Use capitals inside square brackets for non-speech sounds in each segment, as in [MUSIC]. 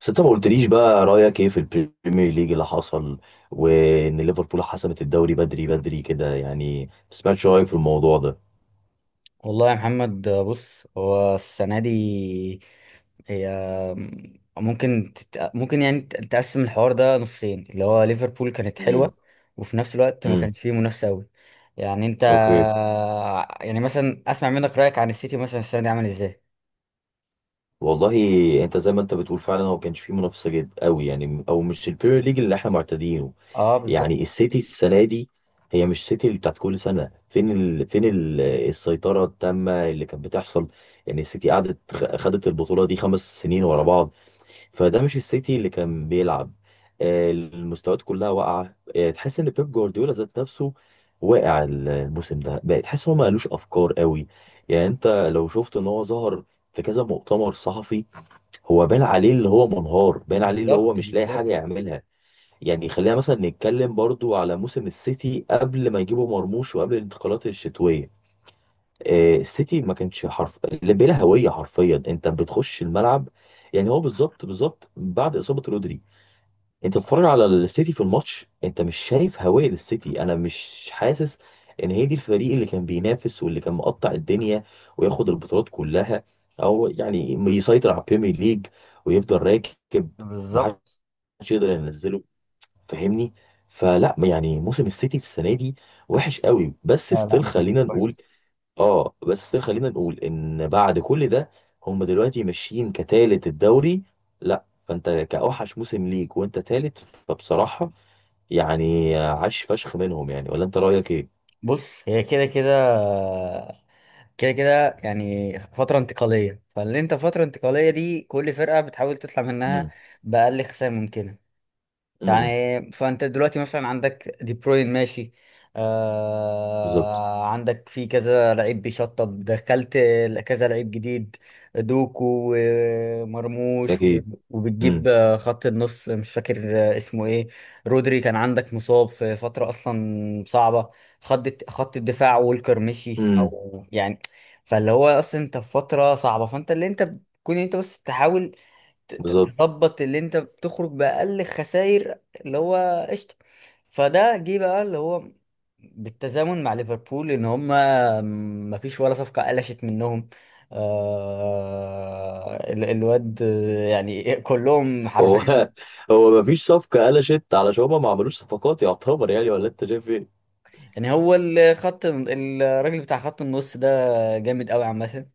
بس انت ما قلتليش بقى رأيك ايه في البريمير ليج اللي حصل، وان ليفربول حسمت الدوري بدري بدري كده، يعني ما سمعتش رأيك في الموضوع ده. والله يا محمد، بص هو السنة دي هي ممكن ممكن يعني تقسم الحوار ده نصين، اللي هو ليفربول كانت امم حلوة، وفي نفس الوقت ما امم كانش فيه منافسة أوي. يعني أنت، اوكي. يعني مثلا أسمع منك رأيك عن السيتي، مثلا السنة دي عامل إزاي؟ والله انت زي ما انت بتقول، فعلا هو كانش فيه منافسة جد قوي، يعني او مش البريمير ليج اللي احنا معتادينه. أه بالظبط. يعني السيتي السنة دي هي مش سيتي اللي بتاعت كل سنة. السيطرة التامة اللي كانت بتحصل. يعني السيتي قعدت خدت البطولة دي 5 سنين ورا بعض، فده مش السيتي اللي كان بيلعب. المستويات كلها واقعه، تحس ان بيب جوارديولا ذات نفسه واقع الموسم ده، بقى تحس ان هو ما قالوش افكار قوي. يعني انت لو شفت ان هو ظهر في كذا مؤتمر صحفي، هو بان عليه اللي هو منهار، بان عليه اللي هو بالظبط مش لاقي بالظبط. حاجه يعملها. يعني خلينا مثلا نتكلم برضو على موسم السيتي قبل ما يجيبوا مرموش وقبل الانتقالات الشتويه. السيتي ما كانش حرف لا- بلا هويه حرفيا. انت بتخش الملعب، يعني هو بالظبط بالظبط بعد اصابه رودري، انت آه، تتفرج على السيتي في الماتش انت مش شايف هويه للسيتي. انا مش حاسس ان هي دي الفريق اللي كان بينافس واللي كان مقطع الدنيا وياخد البطولات كلها، او يعني يسيطر على البريمير ليج ويفضل راكب ومحدش بالظبط. يقدر ينزله، فاهمني؟ فلا يعني موسم السيتي السنه دي وحش قوي، بس لا ستيل لا، خلينا نقول. كويس. اه، بس خلينا نقول ان بعد كل ده هم دلوقتي ماشيين كتالت الدوري. لا، فانت كأوحش موسم ليك وانت تالت، فبصراحة يعني عاش فشخ منهم، يعني ولا انت رأيك ايه؟ بص هي كده كده، كده كده يعني فترة انتقالية، فاللي انت فترة انتقالية دي كل فرقة بتحاول تطلع منها امم بأقل خسائر ممكنة. امم يعني فانت دلوقتي مثلا عندك دي بروين ماشي، بالظبط. آه عندك في كذا لعيب بيشطب دخلت، كذا لعيب جديد، دوكو ومرموش اكيد. امم وبتجيب خط النص، مش فاكر اسمه ايه. رودري كان عندك مصاب في فترة اصلا صعبة، خط الدفاع، وولكر مشي امم او يعني. فاللي هو اصلا انت في فترة صعبة، فانت اللي انت بتكون انت بس تحاول بالظبط. تظبط اللي انت بتخرج بأقل خسائر، اللي هو قشطة. فده جه بقى اللي هو بالتزامن مع ليفربول ان هما ما فيش ولا صفقة قلشت منهم. آه الواد، يعني كلهم هو حرفيا. [LAUGHS] هو مفيش صفقة قلشت علشان هما ما عملوش صفقات يعتبر، يعني ولا انت شايف ايه؟ يعني هو الخط، الراجل بتاع خط النص ده جامد قوي عامة.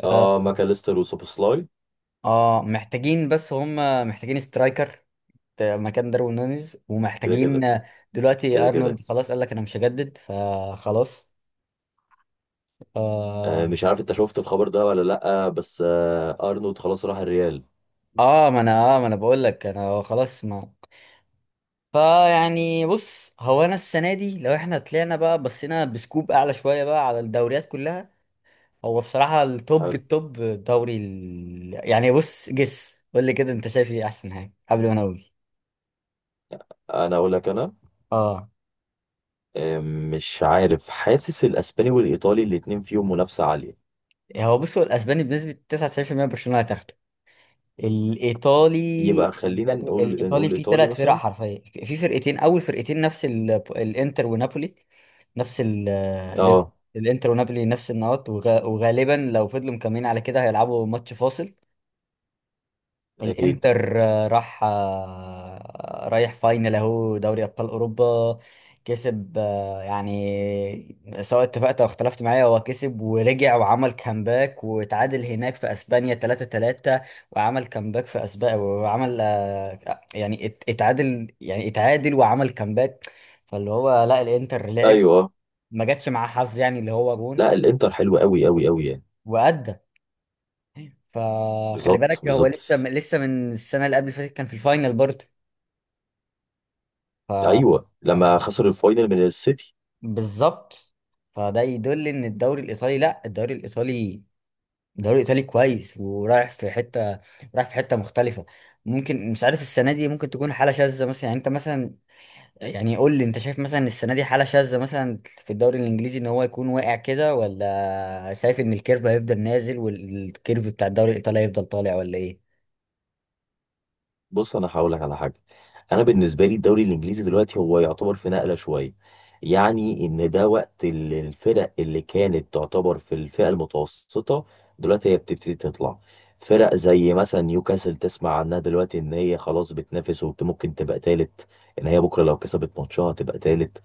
اه. اه، ماكاليستر وسوبوسلاي. آه، محتاجين بس هم، محتاجين سترايكر مكان داروين نونيز، كده ومحتاجين. كده دلوقتي كده ارنولد كده. خلاص قال لك انا مش هجدد، فخلاص. آه، اه. مش عارف انت شفت الخبر ده ولا لا، بس آه ارنولد خلاص راح الريال. آه، ما انا، اه ما انا بقول لك انا خلاص ما. فيعني بص هو انا السنه دي لو احنا طلعنا بقى، بصينا بسكوب اعلى شويه بقى على الدوريات كلها، هو بصراحه التوب حلو. التوب، يعني بص جس قول لي كده انت شايف ايه احسن حاجه قبل ما انا اقول. انا اقول لك انا، اه. مش عارف، حاسس الاسباني والايطالي الاتنين فيهم منافسه عاليه. هو بص، هو الاسباني بنسبه 99% برشلونه هتاخده. الايطالي، يبقى خلينا نقول الايطالي فيه الايطالي ثلاث فرق، مثلا. حرفيا في فرقتين، اول فرقتين نفس الانتر ونابولي، نفس مم. الانتر، اه. الإنتر ونابولي نفس النقط، وغالبا لو فضلوا مكملين على كده هيلعبوا ماتش فاصل. اكيد. الانتر آه، راح آه، رايح فاينل، اهو دوري ابطال اوروبا. كسب، يعني سواء اتفقت او اختلفت معايا، هو كسب ورجع وعمل كامباك وتعادل هناك في اسبانيا 3-3، وعمل كامباك في اسبانيا، وعمل يعني اتعادل، يعني اتعادل وعمل كامباك. فاللي هو لا، الانتر لعب، ايوه. ما جاتش معاه حظ يعني، اللي هو جون لا الانتر حلو قوي قوي قوي يعني. وأدى. فخلي بالظبط بالك، هو بالظبط. لسه لسه من السنة اللي قبل اللي فاتت كان في الفاينل برضه. ايوه لما خسر الفاينل من السيتي. بالظبط. فده يدل ان الدوري الايطالي، لا الدوري الايطالي الدوري الايطالي كويس ورايح في حته، رايح في حته مختلفه. ممكن مش عارف السنه دي، ممكن تكون حاله شاذه مثلا. يعني انت مثلا، يعني قول لي، انت شايف مثلا السنه دي حاله شاذه مثلا في الدوري الانجليزي ان هو يكون واقع كده، ولا شايف ان الكيرف هيفضل نازل والكيرف بتاع الدوري الايطالي هيفضل طالع ولا ايه؟ بص انا هقول لك على حاجه. انا بالنسبه لي الدوري الانجليزي دلوقتي هو يعتبر في نقله شويه. يعني ان ده وقت الفرق اللي كانت تعتبر في الفئه المتوسطه، دلوقتي هي بتبتدي تطلع. فرق زي مثلا نيوكاسل، تسمع عنها دلوقتي ان هي خلاص بتنافس، وممكن تبقى تالت، ان هي بكره لو كسبت ماتشها تبقى تالت.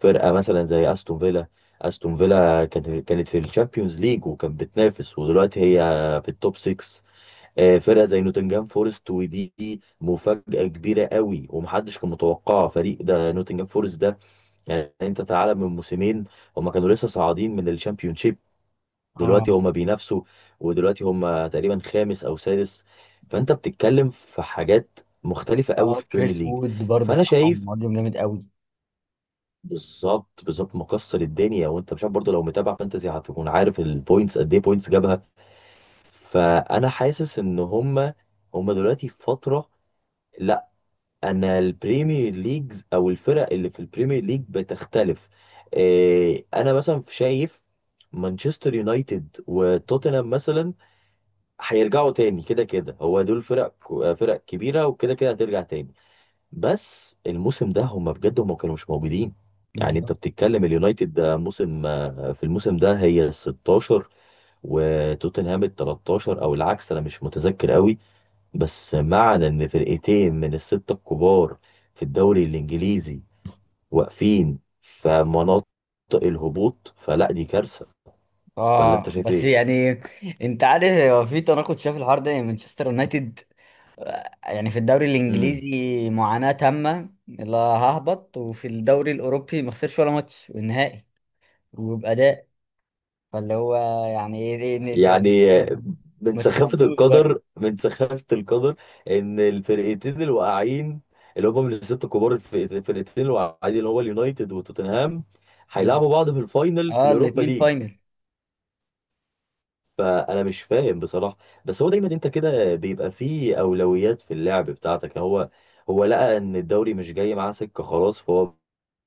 فرقه مثلا زي استون فيلا، استون فيلا كانت في الشامبيونز ليج وكانت بتنافس، ودلوقتي هي في التوب 6. آه، فرقه زي نوتنجهام فورست ودي مفاجاه كبيره قوي ومحدش كان متوقعها، فريق ده نوتنجهام فورست ده. يعني انت تعالى من موسمين، هما كانوا لسه صاعدين من الشامبيونشيب، اه. دلوقتي هما بينافسوا، ودلوقتي هما تقريبا خامس او سادس. فانت بتتكلم في حاجات مختلفه قوي اه في البريمير كريس ليج. وود برضو فانا بتاعهم شايف، مهاجم جامد قوي. بالظبط بالظبط مكسر الدنيا، وانت مش عارف برضه، لو متابع فانتزي هتكون عارف البوينتس قد ايه، بوينتس جابها. فانا حاسس ان هما دلوقتي في فتره. انا البريمير ليجز او الفرق اللي في البريمير ليج بتختلف. انا مثلا شايف مانشستر يونايتد وتوتنهام مثلا هيرجعوا تاني، كده كده هو دول فرق، فرق كبيره وكده كده هترجع تاني. بس الموسم ده هم بجد هم كانوا مش موجودين. يعني انت بالظبط. بتتكلم اليونايتد ده موسم، في الموسم ده هي ال 16 وتوتنهام ال 13 او العكس، انا مش متذكر قوي. بس معنى ان فرقتين من الستة الكبار في الدوري الانجليزي واقفين في مناطق الهبوط، فلا دي كارثة، ولا انت اه شايف بس ايه؟ يعني، انت عارف هو في تناقض، شايف الحوار ده؟ يعني مانشستر يونايتد، يعني في الدوري امم الانجليزي معاناة تامة، لا ههبط، وفي الدوري الاوروبي ما خسرش ولا ماتش والنهائي، وبأداء. فاللي هو يعني ايه، انت يعني من ما سخافة تفهملوش برضه. القدر، من سخافة القدر ان الفرقتين الواقعين اللي هم من الست الكبار، الفرقتين الواقعين اللي هو اليونايتد وتوتنهام، ال- هيلعبوا بعض في الفاينل في اه اليوروبا الاتنين ليج. فاينل. فانا مش فاهم بصراحه. بس هو دايما انت كده بيبقى فيه اولويات في اللعب بتاعتك. هو لقى ان الدوري مش جاي معاه سكه خلاص، فهو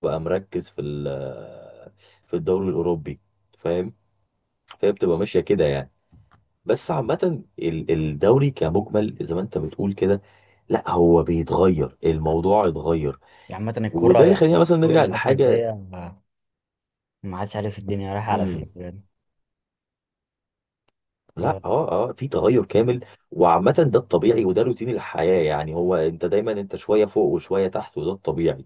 بقى مركز في في الدوري الاوروبي، فاهم؟ فهي بتبقى ماشيه كده يعني. بس عامه الدوري كمجمل زي ما انت بتقول كده، لا هو بيتغير، الموضوع اتغير. يعني عامة وده الكورة اللي يعني، خلينا مثلا الكورة نرجع الفترة لحاجه. الجاية، ما عادش عارف الدنيا رايحة على مم. فين بجد. لا اه. اه اه في تغير كامل. وعامة ده الطبيعي، وده روتين الحياة، يعني هو انت دايما انت شوية فوق وشوية تحت، وده الطبيعي.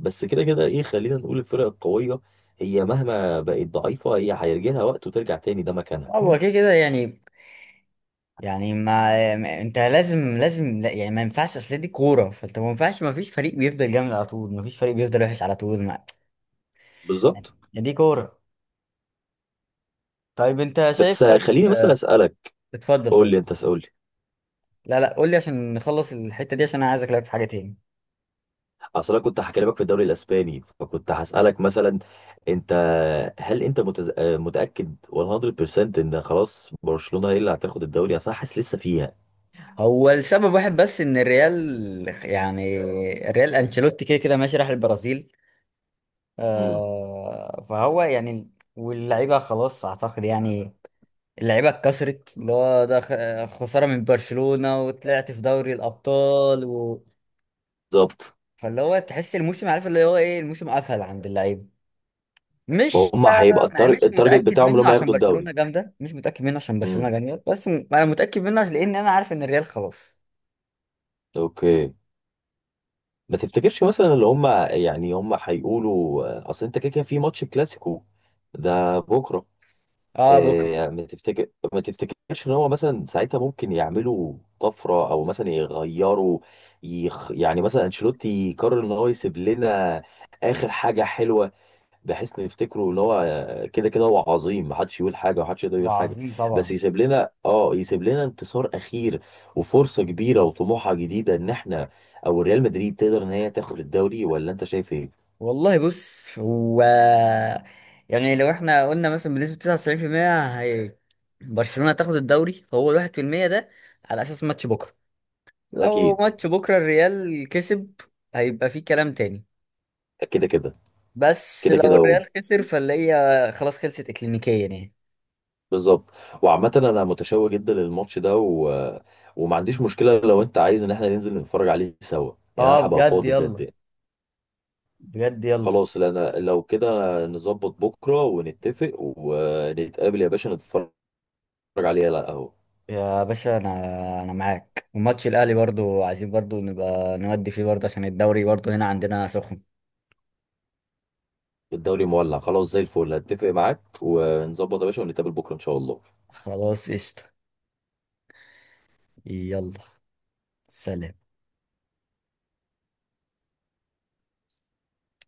بس كده كده ايه، خلينا نقول الفرق القوية هي مهما بقت ضعيفة، هي هيجي لها وقت وترجع تاني، ده مكانها. هو كده كده يعني. يعني انت لازم لازم، لا يعني ما ينفعش، اصل دي كوره، فانت ما ينفعش، ما فيش فريق بيفضل جامد على طول، ما فيش فريق بيفضل وحش على طول، ما بالظبط. يعني، دي كوره. طيب انت شايف، بس طيب خليني مثلا آه، اسألك، اتفضل قول طيب. لي انت، اسأل لي. لا لا، قول لي عشان نخلص الحته دي، عشان انا عايز اكلمك في حاجه تاني. اصل انا كنت هكلمك في الدوري الاسباني، فكنت هسألك مثلا انت، هل انت متز... آه، متأكد 100% ان خلاص برشلونة هي اللي هتاخد الدوري؟ اصل انا حاسس لسه فيها. هو السبب واحد بس ان الريال، يعني الريال انشيلوتي كده كده ماشي راح البرازيل، امم. آه فهو يعني، واللعيبه خلاص اعتقد يعني، اللعيبه اتكسرت، اللي هو ده خساره من برشلونه، وطلعت في دوري الابطال بالظبط. فاللي هو تحس الموسم، عارف اللي هو ايه، الموسم قفل عند اللعيبه. مش فهم هيبقى مش التارجت متاكد بتاعهم اللي منه هم عشان ياخدوا برشلونه الدوري. جامده، مش متاكد منه عشان برشلونه امم. جامده، بس انا متاكد منه عشان لان انا عارف ان الريال خلاص. اوكي. ما تفتكرش مثلا اللي هم، يعني هم هيقولوا، اصل انت كده كده في ماتش كلاسيكو ده بكره، اه آه، بكره. يعني ما تفتكرش ان هو مثلا ساعتها ممكن يعملوا طفره، او مثلا يغيروا، يعني مثلا انشيلوتي يقرر ان هو يسيب لنا اخر حاجه حلوه، بحيث إن يفتكروا اللي هو كده كده هو عظيم، محدش يقول حاجه ومحدش يقدر يقول حاجه، وعظيم بس طبعا. يسيب لنا، اه يسيب لنا انتصار اخير، وفرصه كبيره وطموحه جديده ان احنا، او ريال مدريد تقدر ان هي تاخد الدوري، ولا انت شايف ايه؟ والله بص هو، يعني لو احنا قلنا مثلا بنسبه 99% هي برشلونه تاخد الدوري، فهو ال 1% ده على اساس ماتش بكره. لو اكيد. ماتش بكرة الريال كسب، هيبقى فيه كلام تاني. كده كده بس كده لو كده الريال خسر، فاللي خلاص خلصت اكلينيكيا يعني. بالظبط. وعامه انا متشوق جدا للماتش ده وما عنديش مشكله لو انت عايز ان احنا ننزل نتفرج عليه سوا، يعني اه انا هبقى بجد فاضي بجد يلا، يعني. بجد يلا. خلاص، لا انا لو كده نظبط بكره ونتفق ونتقابل يا باشا، نتفرج، اتفرج عليه، لا اهو يا باشا انا، انا معاك، وماتش الاهلي برضو عايزين برضو نبقى نودي فيه برضو، عشان الدوري برضو هنا عندنا سخن. الدوري مولع خلاص زي الفل، هتفق معاك ونظبط يا باشا، ونتقابل بكره ان شاء الله. خلاص قشطة. يلا. سلام.